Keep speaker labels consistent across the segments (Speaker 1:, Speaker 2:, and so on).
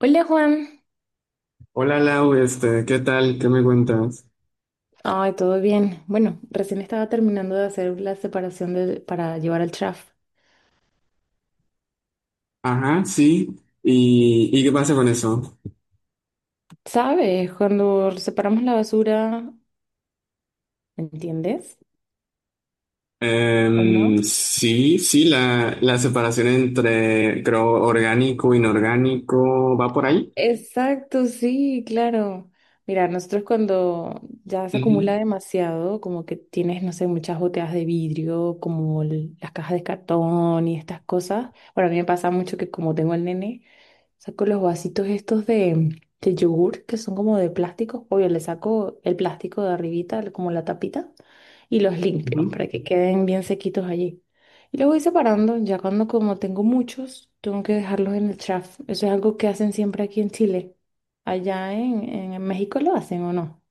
Speaker 1: Hola, Juan,
Speaker 2: Hola Lau, ¿qué tal? ¿Qué me cuentas?
Speaker 1: ay, todo bien. Bueno, recién estaba terminando de hacer la separación para llevar al trash.
Speaker 2: Ajá, sí. ¿Y qué pasa con eso?
Speaker 1: ¿Sabes? Cuando separamos la basura, ¿entiendes? ¿O no?
Speaker 2: Sí, sí, la separación entre, creo, orgánico, inorgánico, ¿va por ahí?
Speaker 1: Exacto, sí, claro. Mira, nosotros cuando ya se acumula
Speaker 2: Ujú,
Speaker 1: demasiado, como que tienes, no sé, muchas botellas de vidrio, como las cajas de cartón y estas cosas. Bueno, a mí me pasa mucho que como tengo el nene, saco los vasitos estos de yogur, que son como de plástico. Obvio, le saco el plástico de arribita, como la tapita, y los limpio
Speaker 2: ujú.
Speaker 1: para que queden bien sequitos allí. Y los voy separando, ya cuando como tengo muchos, tengo que dejarlos en el chaf. Eso es algo que hacen siempre aquí en Chile. Allá en México lo hacen o no.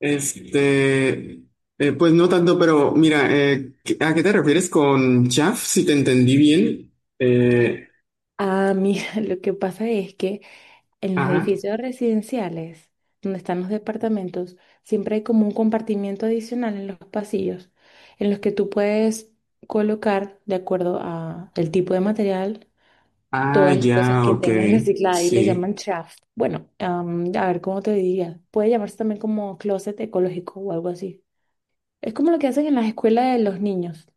Speaker 2: Este, pues no tanto, pero mira, ¿a qué te refieres con chaff? Si te entendí bien. Eh,
Speaker 1: Ah, mira, lo que pasa es que en los
Speaker 2: ajá.
Speaker 1: edificios residenciales, donde están los departamentos, siempre hay como un compartimiento adicional en los pasillos, en los que tú puedes colocar, de acuerdo a el tipo de material,
Speaker 2: Ah,
Speaker 1: todas las cosas
Speaker 2: ya,
Speaker 1: que
Speaker 2: ok.
Speaker 1: tengas recicladas y le
Speaker 2: Sí.
Speaker 1: llaman chaff. Bueno, a ver cómo te diría. Puede llamarse también como closet ecológico o algo así. Es como lo que hacen en las escuelas de los niños.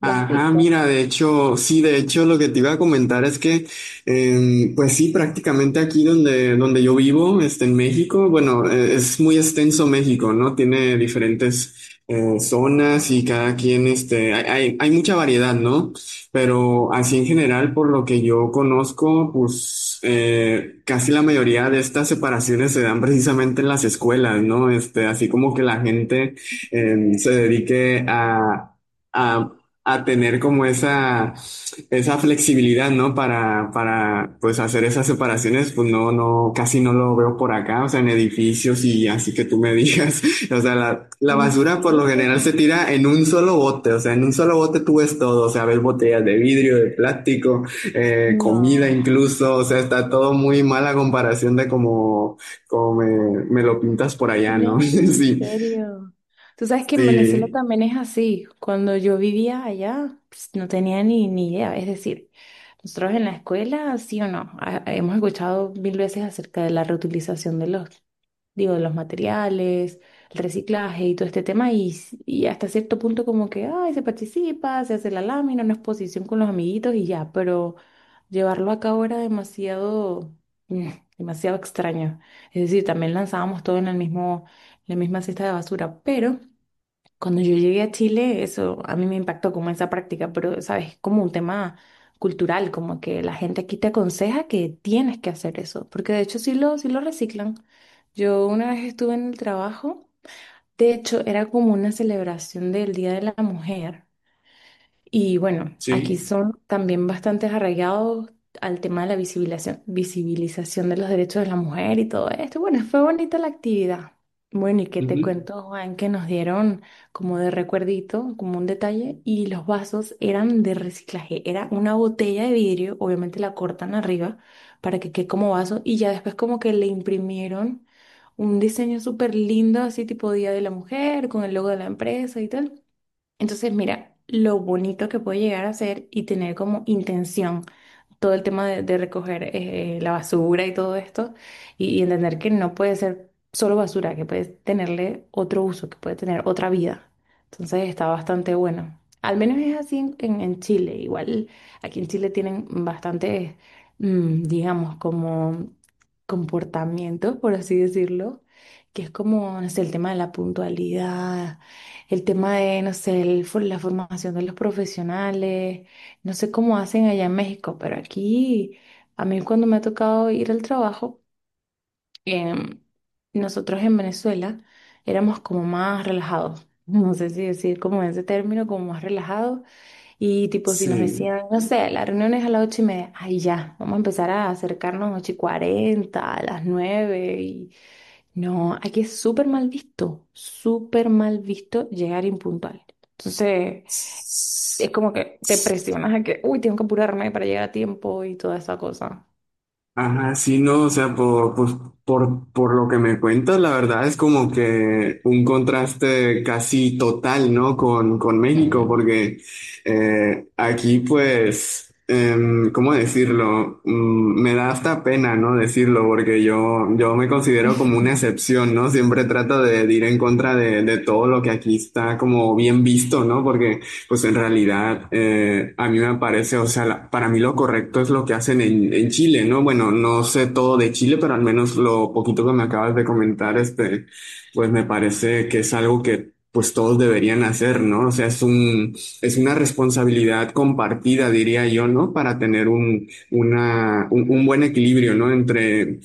Speaker 1: ¿Lo has
Speaker 2: Ajá,
Speaker 1: visto?
Speaker 2: mira, de hecho, sí, de hecho lo que te iba a comentar es que, pues sí, prácticamente aquí donde, donde yo vivo, en México, bueno, es muy extenso México, ¿no? Tiene diferentes zonas y cada quien, hay, hay mucha variedad, ¿no? Pero así en general, por lo que yo conozco, pues casi la mayoría de estas separaciones se dan precisamente en las escuelas, ¿no? Este, así como que la gente se dedique a... a a tener como esa flexibilidad, ¿no? Para, pues hacer esas separaciones, pues no, no, casi no lo veo por acá, o sea, en edificios y así que tú me digas, o sea, la
Speaker 1: ¿En
Speaker 2: basura por lo
Speaker 1: serio?
Speaker 2: general se tira en un solo bote, o sea, en un solo bote tú ves todo, o sea, ves botellas de vidrio, de plástico, comida
Speaker 1: No,
Speaker 2: incluso, o sea, está todo muy mal a comparación de como, como me lo pintas por allá, ¿no?
Speaker 1: no, en
Speaker 2: Sí,
Speaker 1: serio. Tú sabes que en Venezuela
Speaker 2: sí,
Speaker 1: también es así. Cuando yo vivía allá, pues, no tenía ni idea. Es decir, nosotros en la escuela, sí o no, hemos escuchado mil veces acerca de la reutilización de los digo, de los materiales, el reciclaje y todo este tema, y hasta cierto punto como que, ay, se participa, se hace la lámina, una exposición con los amiguitos y ya, pero llevarlo a cabo era demasiado, mm, demasiado extraño. Es decir, también lanzábamos todo en el mismo, la misma cesta de basura, pero cuando yo llegué a Chile, eso a mí me impactó como esa práctica, pero, ¿sabes? Como un tema cultural, como que la gente aquí te aconseja que tienes que hacer eso, porque de hecho sí lo reciclan. Yo una vez estuve en el trabajo, de hecho era como una celebración del Día de la Mujer. Y bueno, aquí
Speaker 2: Sí.
Speaker 1: son también bastante arraigados al tema de la visibilización de los derechos de la mujer y todo esto. Bueno, fue bonita la actividad. Bueno, y qué te
Speaker 2: Ujú.
Speaker 1: cuento, Juan, que nos dieron como de recuerdito, como un detalle, y los vasos eran de reciclaje. Era una botella de vidrio, obviamente la cortan arriba para que quede como vaso, y ya después como que le imprimieron un diseño súper lindo, así tipo Día de la Mujer, con el logo de la empresa y tal. Entonces, mira, lo bonito que puede llegar a ser y tener como intención todo el tema de recoger la basura y todo esto, y entender que no puede ser solo basura, que puede tenerle otro uso, que puede tener otra vida. Entonces está bastante bueno. Al menos es así en, en Chile. Igual aquí en Chile tienen bastantes, digamos, como comportamientos, por así decirlo, que es como, no sé, el tema de la puntualidad, el tema de, no sé, la formación de los profesionales. No sé cómo hacen allá en México, pero aquí, a mí cuando me ha tocado ir al trabajo, em, nosotros en Venezuela éramos como más relajados. No sé si decir como ese término, como más relajados. Y tipo, si nos
Speaker 2: Sí.
Speaker 1: decían, no sé, la reunión es a las 8:30, ay ya, vamos a empezar a acercarnos a las 8:40, a las nueve. Y... no, aquí es súper mal visto llegar impuntual. Entonces es como que te presionas a que, uy, tengo que apurarme para llegar a tiempo y toda esa cosa.
Speaker 2: Ajá, sí, no, o sea, por, pues, por lo que me cuentas, la verdad es como que un contraste casi total, ¿no? Con México,
Speaker 1: Mm.
Speaker 2: porque aquí, pues, ¿cómo decirlo? Me da hasta pena, ¿no? Decirlo, porque yo me considero como una excepción, ¿no? Siempre trato de ir en contra de todo lo que aquí está como bien visto, ¿no? Porque pues en realidad, a mí me parece, o sea, la- para mí lo correcto es lo que hacen en Chile, ¿no? Bueno, no sé todo de Chile, pero al menos lo poquito que me acabas de comentar, pues me parece que es algo que pues todos deberían hacer, ¿no? O sea, es un, es una responsabilidad compartida, diría yo, ¿no? Para tener un, una, un buen equilibrio, ¿no? Entre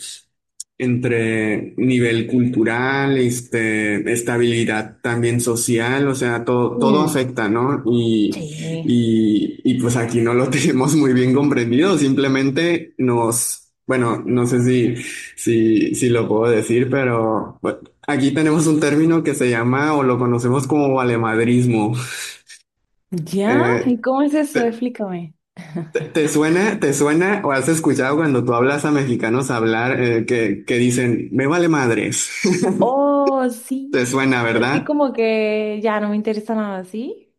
Speaker 2: entre nivel cultural, estabilidad también social, o sea, todo, todo
Speaker 1: Mm,
Speaker 2: afecta, ¿no? Y,
Speaker 1: sí.
Speaker 2: y, y pues aquí no lo tenemos muy bien comprendido, simplemente nos, bueno, no sé si, si, si lo puedo decir, pero bueno, aquí tenemos un término que se llama o lo conocemos como valemadrismo.
Speaker 1: ¿Ya? ¿Y
Speaker 2: Eh,
Speaker 1: cómo es eso?
Speaker 2: te,
Speaker 1: Explícame.
Speaker 2: te- te suena o has escuchado cuando tú hablas a mexicanos hablar que dicen, ¿me vale madres?
Speaker 1: Oh,
Speaker 2: Te
Speaker 1: sí.
Speaker 2: suena,
Speaker 1: Así
Speaker 2: ¿verdad?
Speaker 1: como que ya no me interesa nada, ¿sí?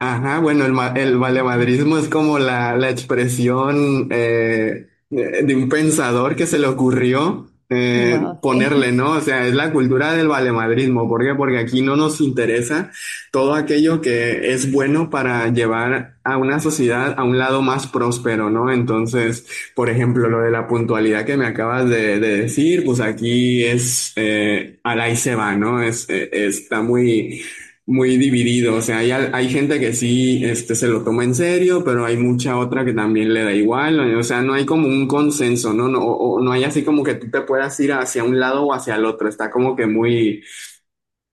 Speaker 2: Ajá, bueno, el, ma- el
Speaker 1: Bueno,
Speaker 2: valemadrismo es como la expresión de un pensador que se le ocurrió
Speaker 1: wow, sí.
Speaker 2: ponerle, ¿no? O sea, es la cultura del valemadrismo. ¿Por qué? Porque aquí no nos interesa todo aquello que es bueno para llevar a una sociedad a un lado más próspero, ¿no? Entonces, por ejemplo, lo de la puntualidad que me acabas de decir, pues aquí es, al ahí se va, ¿no? Es, está muy muy dividido. O sea, hay gente que sí este, se lo toma en serio, pero hay mucha otra que también le da igual. O sea, no hay como un consenso, ¿no? No, o, no hay así como que tú te puedas ir hacia un lado o hacia el otro. Está como que muy,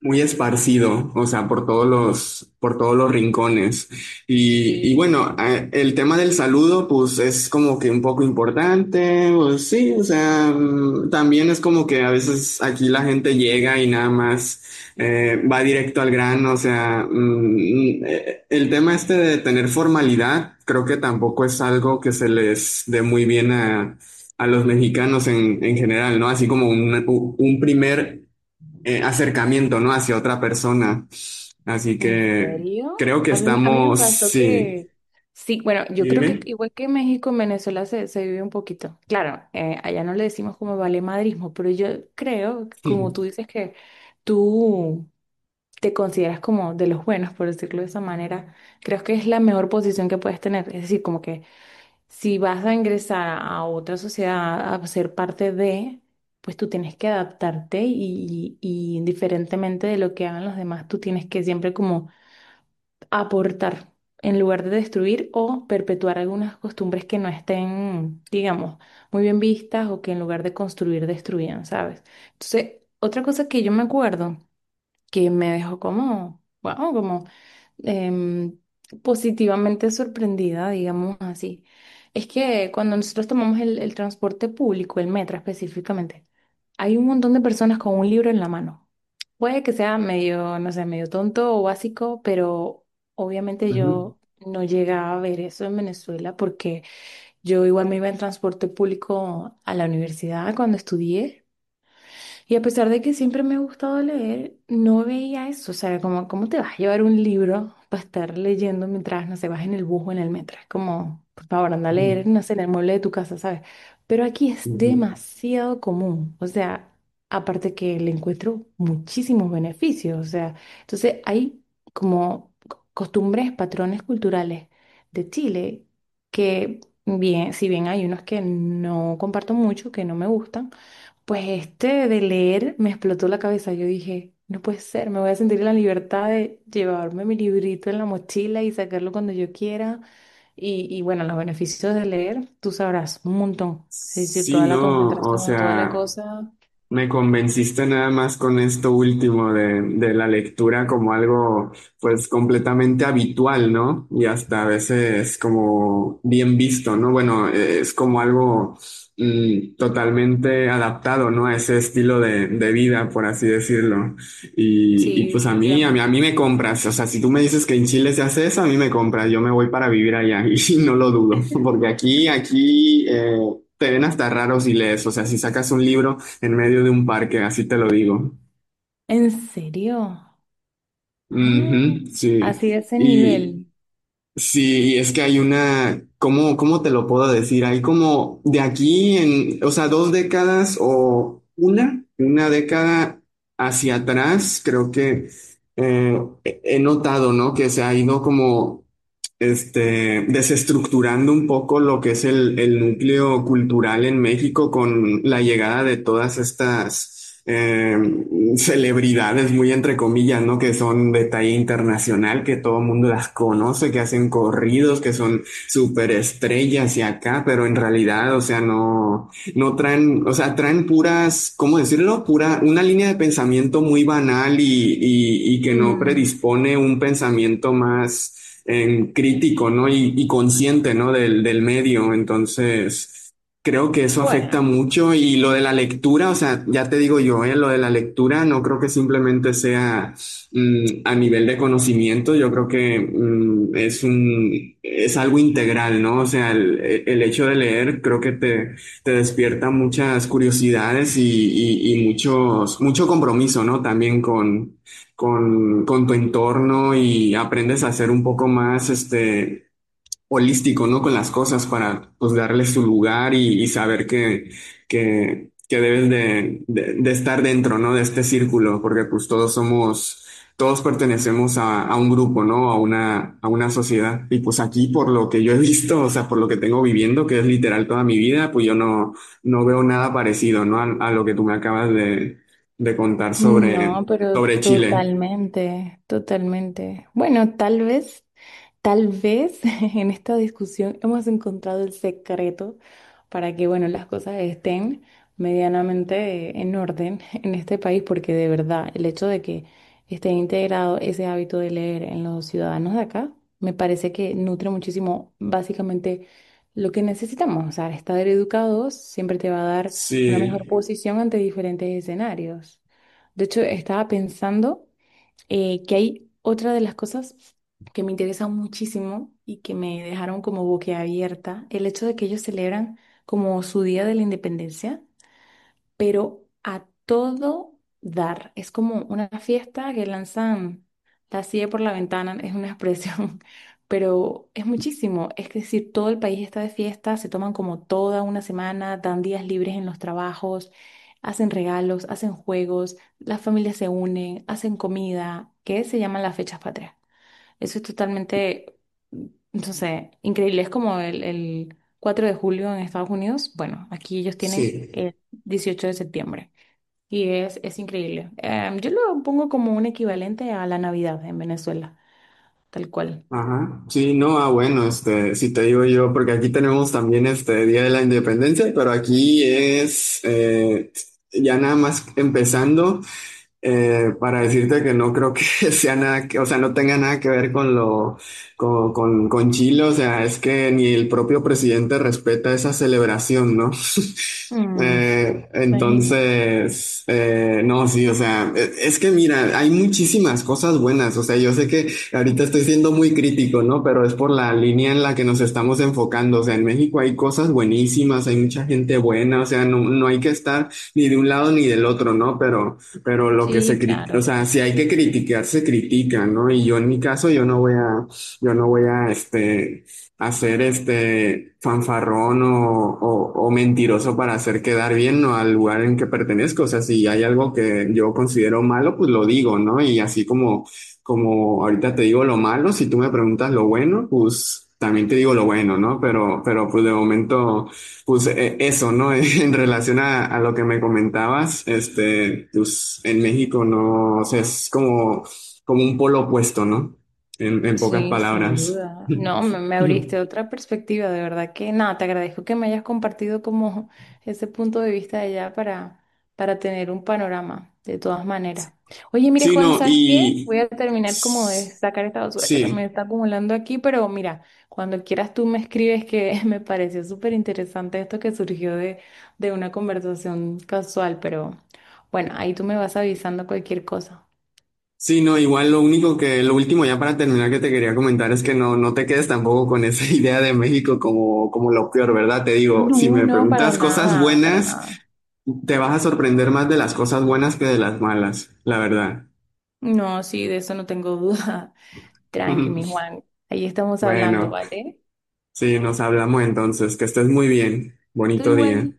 Speaker 2: muy esparcido, o sea, por todos los rincones. Y
Speaker 1: Sí,
Speaker 2: bueno, el tema del saludo, pues es como que un poco importante, pues sí, o sea, también es como que a veces aquí la gente llega y nada más va directo al grano, o sea, el tema este de tener formalidad, creo que tampoco es algo que se les dé muy bien a los mexicanos en general, ¿no? Así como un primer acercamiento, ¿no? Hacia otra persona. Así
Speaker 1: ¿en
Speaker 2: que
Speaker 1: serio?
Speaker 2: creo que
Speaker 1: A mí me
Speaker 2: estamos,
Speaker 1: pasó
Speaker 2: sí.
Speaker 1: que, sí, bueno,
Speaker 2: ¿Y
Speaker 1: yo creo que
Speaker 2: dime?
Speaker 1: igual que México, en Venezuela se vive un poquito. Claro, allá no le decimos como vale madrismo, pero yo creo, como tú dices que tú te consideras como de los buenos, por decirlo de esa manera, creo que es la mejor posición que puedes tener. Es decir, como que si vas a ingresar a otra sociedad, a ser parte de, pues tú tienes que adaptarte y indiferentemente de lo que hagan los demás, tú tienes que siempre como aportar en lugar de destruir o perpetuar algunas costumbres que no estén, digamos, muy bien vistas o que en lugar de construir destruían, ¿sabes? Entonces, otra cosa que yo me acuerdo que me dejó como, wow, como em, positivamente sorprendida, digamos así. Es que cuando nosotros tomamos el transporte público, el metro específicamente, hay un montón de personas con un libro en la mano. Puede que sea medio, no sé, medio tonto o básico, pero obviamente
Speaker 2: Ujú,
Speaker 1: yo no llegaba a ver eso en Venezuela porque yo igual me iba en transporte público a la universidad cuando estudié. Y a pesar de que siempre me ha gustado leer, no veía eso. O sea, como, ¿cómo te vas a llevar un libro para estar leyendo mientras, no sé, vas en el bus o en el metro? Es como, por favor, anda a
Speaker 2: ujú,
Speaker 1: leer, no sé, en el mueble de tu casa, ¿sabes? Pero aquí es
Speaker 2: ujú.
Speaker 1: demasiado común. O sea, aparte que le encuentro muchísimos beneficios. O sea, entonces hay como costumbres, patrones culturales de Chile que, bien, si bien hay unos que no comparto mucho, que no me gustan, pues este de leer me explotó la cabeza. Yo dije, no puede ser, me voy a sentir en la libertad de llevarme mi librito en la mochila y sacarlo cuando yo quiera. Y bueno, los beneficios de leer, tú sabrás, un montón. Sí, sí,
Speaker 2: Sí,
Speaker 1: toda la
Speaker 2: no, o
Speaker 1: concentración, toda la
Speaker 2: sea.
Speaker 1: cosa.
Speaker 2: Me convenciste nada más con esto último de la lectura como algo pues completamente habitual, ¿no? Y hasta a veces como bien visto, ¿no? Bueno, es como algo totalmente adaptado, ¿no? A ese estilo de vida, por así decirlo. Y,
Speaker 1: Sí,
Speaker 2: y pues a mí, a mí, a
Speaker 1: definitivamente.
Speaker 2: mí me compras. O sea, si tú me dices que en Chile se hace eso, a mí me compras. Yo me voy para vivir allá y no lo dudo, porque aquí, aquí... te ven hasta raro si lees, o sea, si sacas un libro en medio de un parque, así te lo digo.
Speaker 1: ¿En serio? Ah,
Speaker 2: Ujú, sí.
Speaker 1: así de ese
Speaker 2: Y
Speaker 1: nivel.
Speaker 2: sí, y es que hay una, ¿cómo, cómo te lo puedo decir? Hay como de aquí en, o sea, dos décadas o una década hacia atrás, creo que he he notado, ¿no? Que se ha ido como desestructurando un poco lo que es el núcleo cultural en México con la llegada de todas estas celebridades, muy entre comillas, ¿no? Que son de talla internacional, que todo el mundo las conoce, que hacen corridos, que son superestrellas y acá, pero en realidad, o sea, no no traen, o sea, traen puras, ¿cómo decirlo? Pura, una línea de pensamiento muy banal y que no
Speaker 1: Mm,
Speaker 2: predispone un pensamiento más crítico, ¿no? Y consciente, ¿no? Del, del medio. Entonces, creo que eso afecta
Speaker 1: bueno.
Speaker 2: mucho. Y lo de la lectura, o sea, ya te digo yo, ¿eh? Lo de la lectura no creo que simplemente sea a nivel de conocimiento, yo creo que es un, es algo integral, ¿no? O sea, el hecho de leer creo que te te despierta muchas curiosidades y muchos, mucho compromiso, ¿no? También con tu entorno y aprendes a ser un poco más, holístico, ¿no? Con las cosas para pues darle su lugar y saber que debes de estar dentro, ¿no? De este círculo, porque pues todos somos, todos pertenecemos a un grupo, ¿no? A una sociedad. Y pues aquí, por lo que yo he visto, o sea, por lo que tengo viviendo, que es literal toda mi vida, pues yo no, no veo nada parecido, ¿no? A lo que tú me acabas de contar sobre,
Speaker 1: No, pero
Speaker 2: sobre Chile.
Speaker 1: totalmente, totalmente. Bueno, tal vez en esta discusión hemos encontrado el secreto para que, bueno, las cosas estén medianamente en orden en este país, porque de verdad el hecho de que esté integrado ese hábito de leer en los ciudadanos de acá, me parece que nutre muchísimo básicamente lo que necesitamos. O sea, estar educados siempre te va a dar una mejor
Speaker 2: Sí.
Speaker 1: posición ante diferentes escenarios. De hecho, estaba pensando que hay otra de las cosas que me interesan muchísimo y que me dejaron como boquiabierta, el hecho de que ellos celebran como su Día de la Independencia pero a todo dar. Es como una fiesta que lanzan la silla por la ventana, es una expresión, pero es muchísimo. Es decir, todo el país está de fiesta, se toman como toda una semana, dan días libres en los trabajos, hacen regalos, hacen juegos, las familias se unen, hacen comida, que se llaman las fechas patrias. Eso es totalmente, no sé, increíble. Es como el 4 de julio en Estados Unidos. Bueno, aquí ellos tienen
Speaker 2: Sí.
Speaker 1: el 18 de septiembre y es increíble. Yo lo pongo como un equivalente a la Navidad en Venezuela, tal cual.
Speaker 2: Ajá, sí, no, ah, bueno, si te digo yo, porque aquí tenemos también este Día de la Independencia, pero aquí es ya nada más empezando. Para decirte que no creo que sea nada que, o sea, no tenga nada que ver con lo, con Chile, o sea, es que ni el propio presidente respeta esa celebración, ¿no?
Speaker 1: Mm, imagínate.
Speaker 2: Entonces, no, sí, o sea, es que mira, hay muchísimas cosas buenas, o sea, yo sé que ahorita estoy siendo muy crítico, ¿no? Pero es por la línea en la que nos estamos enfocando, o sea, en México hay cosas buenísimas, hay mucha gente buena, o sea, no, no hay que estar ni de un lado ni del otro, ¿no? Pero lo que se
Speaker 1: Sí,
Speaker 2: critica, o
Speaker 1: claro.
Speaker 2: sea, si hay que criticar, se critica, ¿no? Y yo en mi caso, yo no voy a, yo no voy a, hacer este fanfarrón o mentiroso para hacer quedar bien, ¿no? Al lugar en que pertenezco. O sea, si hay algo que yo considero malo, pues lo digo, ¿no? Y así como, como ahorita te digo lo malo, si tú me preguntas lo bueno, pues también te digo lo bueno, ¿no? Pero pues de momento. Pues eso, ¿no? En relación a lo que me comentabas, pues en México no, o sea, es como, como un polo opuesto, ¿no? En pocas
Speaker 1: Sí, sin
Speaker 2: palabras.
Speaker 1: duda. No, me abriste otra perspectiva, de verdad que nada, te agradezco que me hayas compartido como ese punto de vista de allá para tener un panorama, de todas maneras. Oye, mire,
Speaker 2: Sí,
Speaker 1: Juan,
Speaker 2: no,
Speaker 1: ¿sabes qué?
Speaker 2: y
Speaker 1: Voy a terminar como de
Speaker 2: s-
Speaker 1: sacar esta basura que se me
Speaker 2: sí.
Speaker 1: está acumulando aquí, pero mira, cuando quieras tú me escribes que me pareció súper interesante esto que surgió de una conversación casual, pero bueno, ahí tú me vas avisando cualquier cosa.
Speaker 2: Sí, no, igual lo único que, lo último ya para terminar que te quería comentar es que no, no te quedes tampoco con esa idea de México como, como lo peor, ¿verdad? Te digo, si
Speaker 1: No,
Speaker 2: me
Speaker 1: no, para
Speaker 2: preguntas cosas
Speaker 1: nada, para
Speaker 2: buenas,
Speaker 1: nada.
Speaker 2: te vas a sorprender más de las cosas buenas que de las malas, la verdad.
Speaker 1: No, sí, de eso no tengo duda. Tranqui, mi Juan. Ahí estamos hablando,
Speaker 2: Bueno,
Speaker 1: ¿vale?
Speaker 2: sí, nos hablamos entonces, que estés muy bien,
Speaker 1: Tú
Speaker 2: bonito día.
Speaker 1: igual.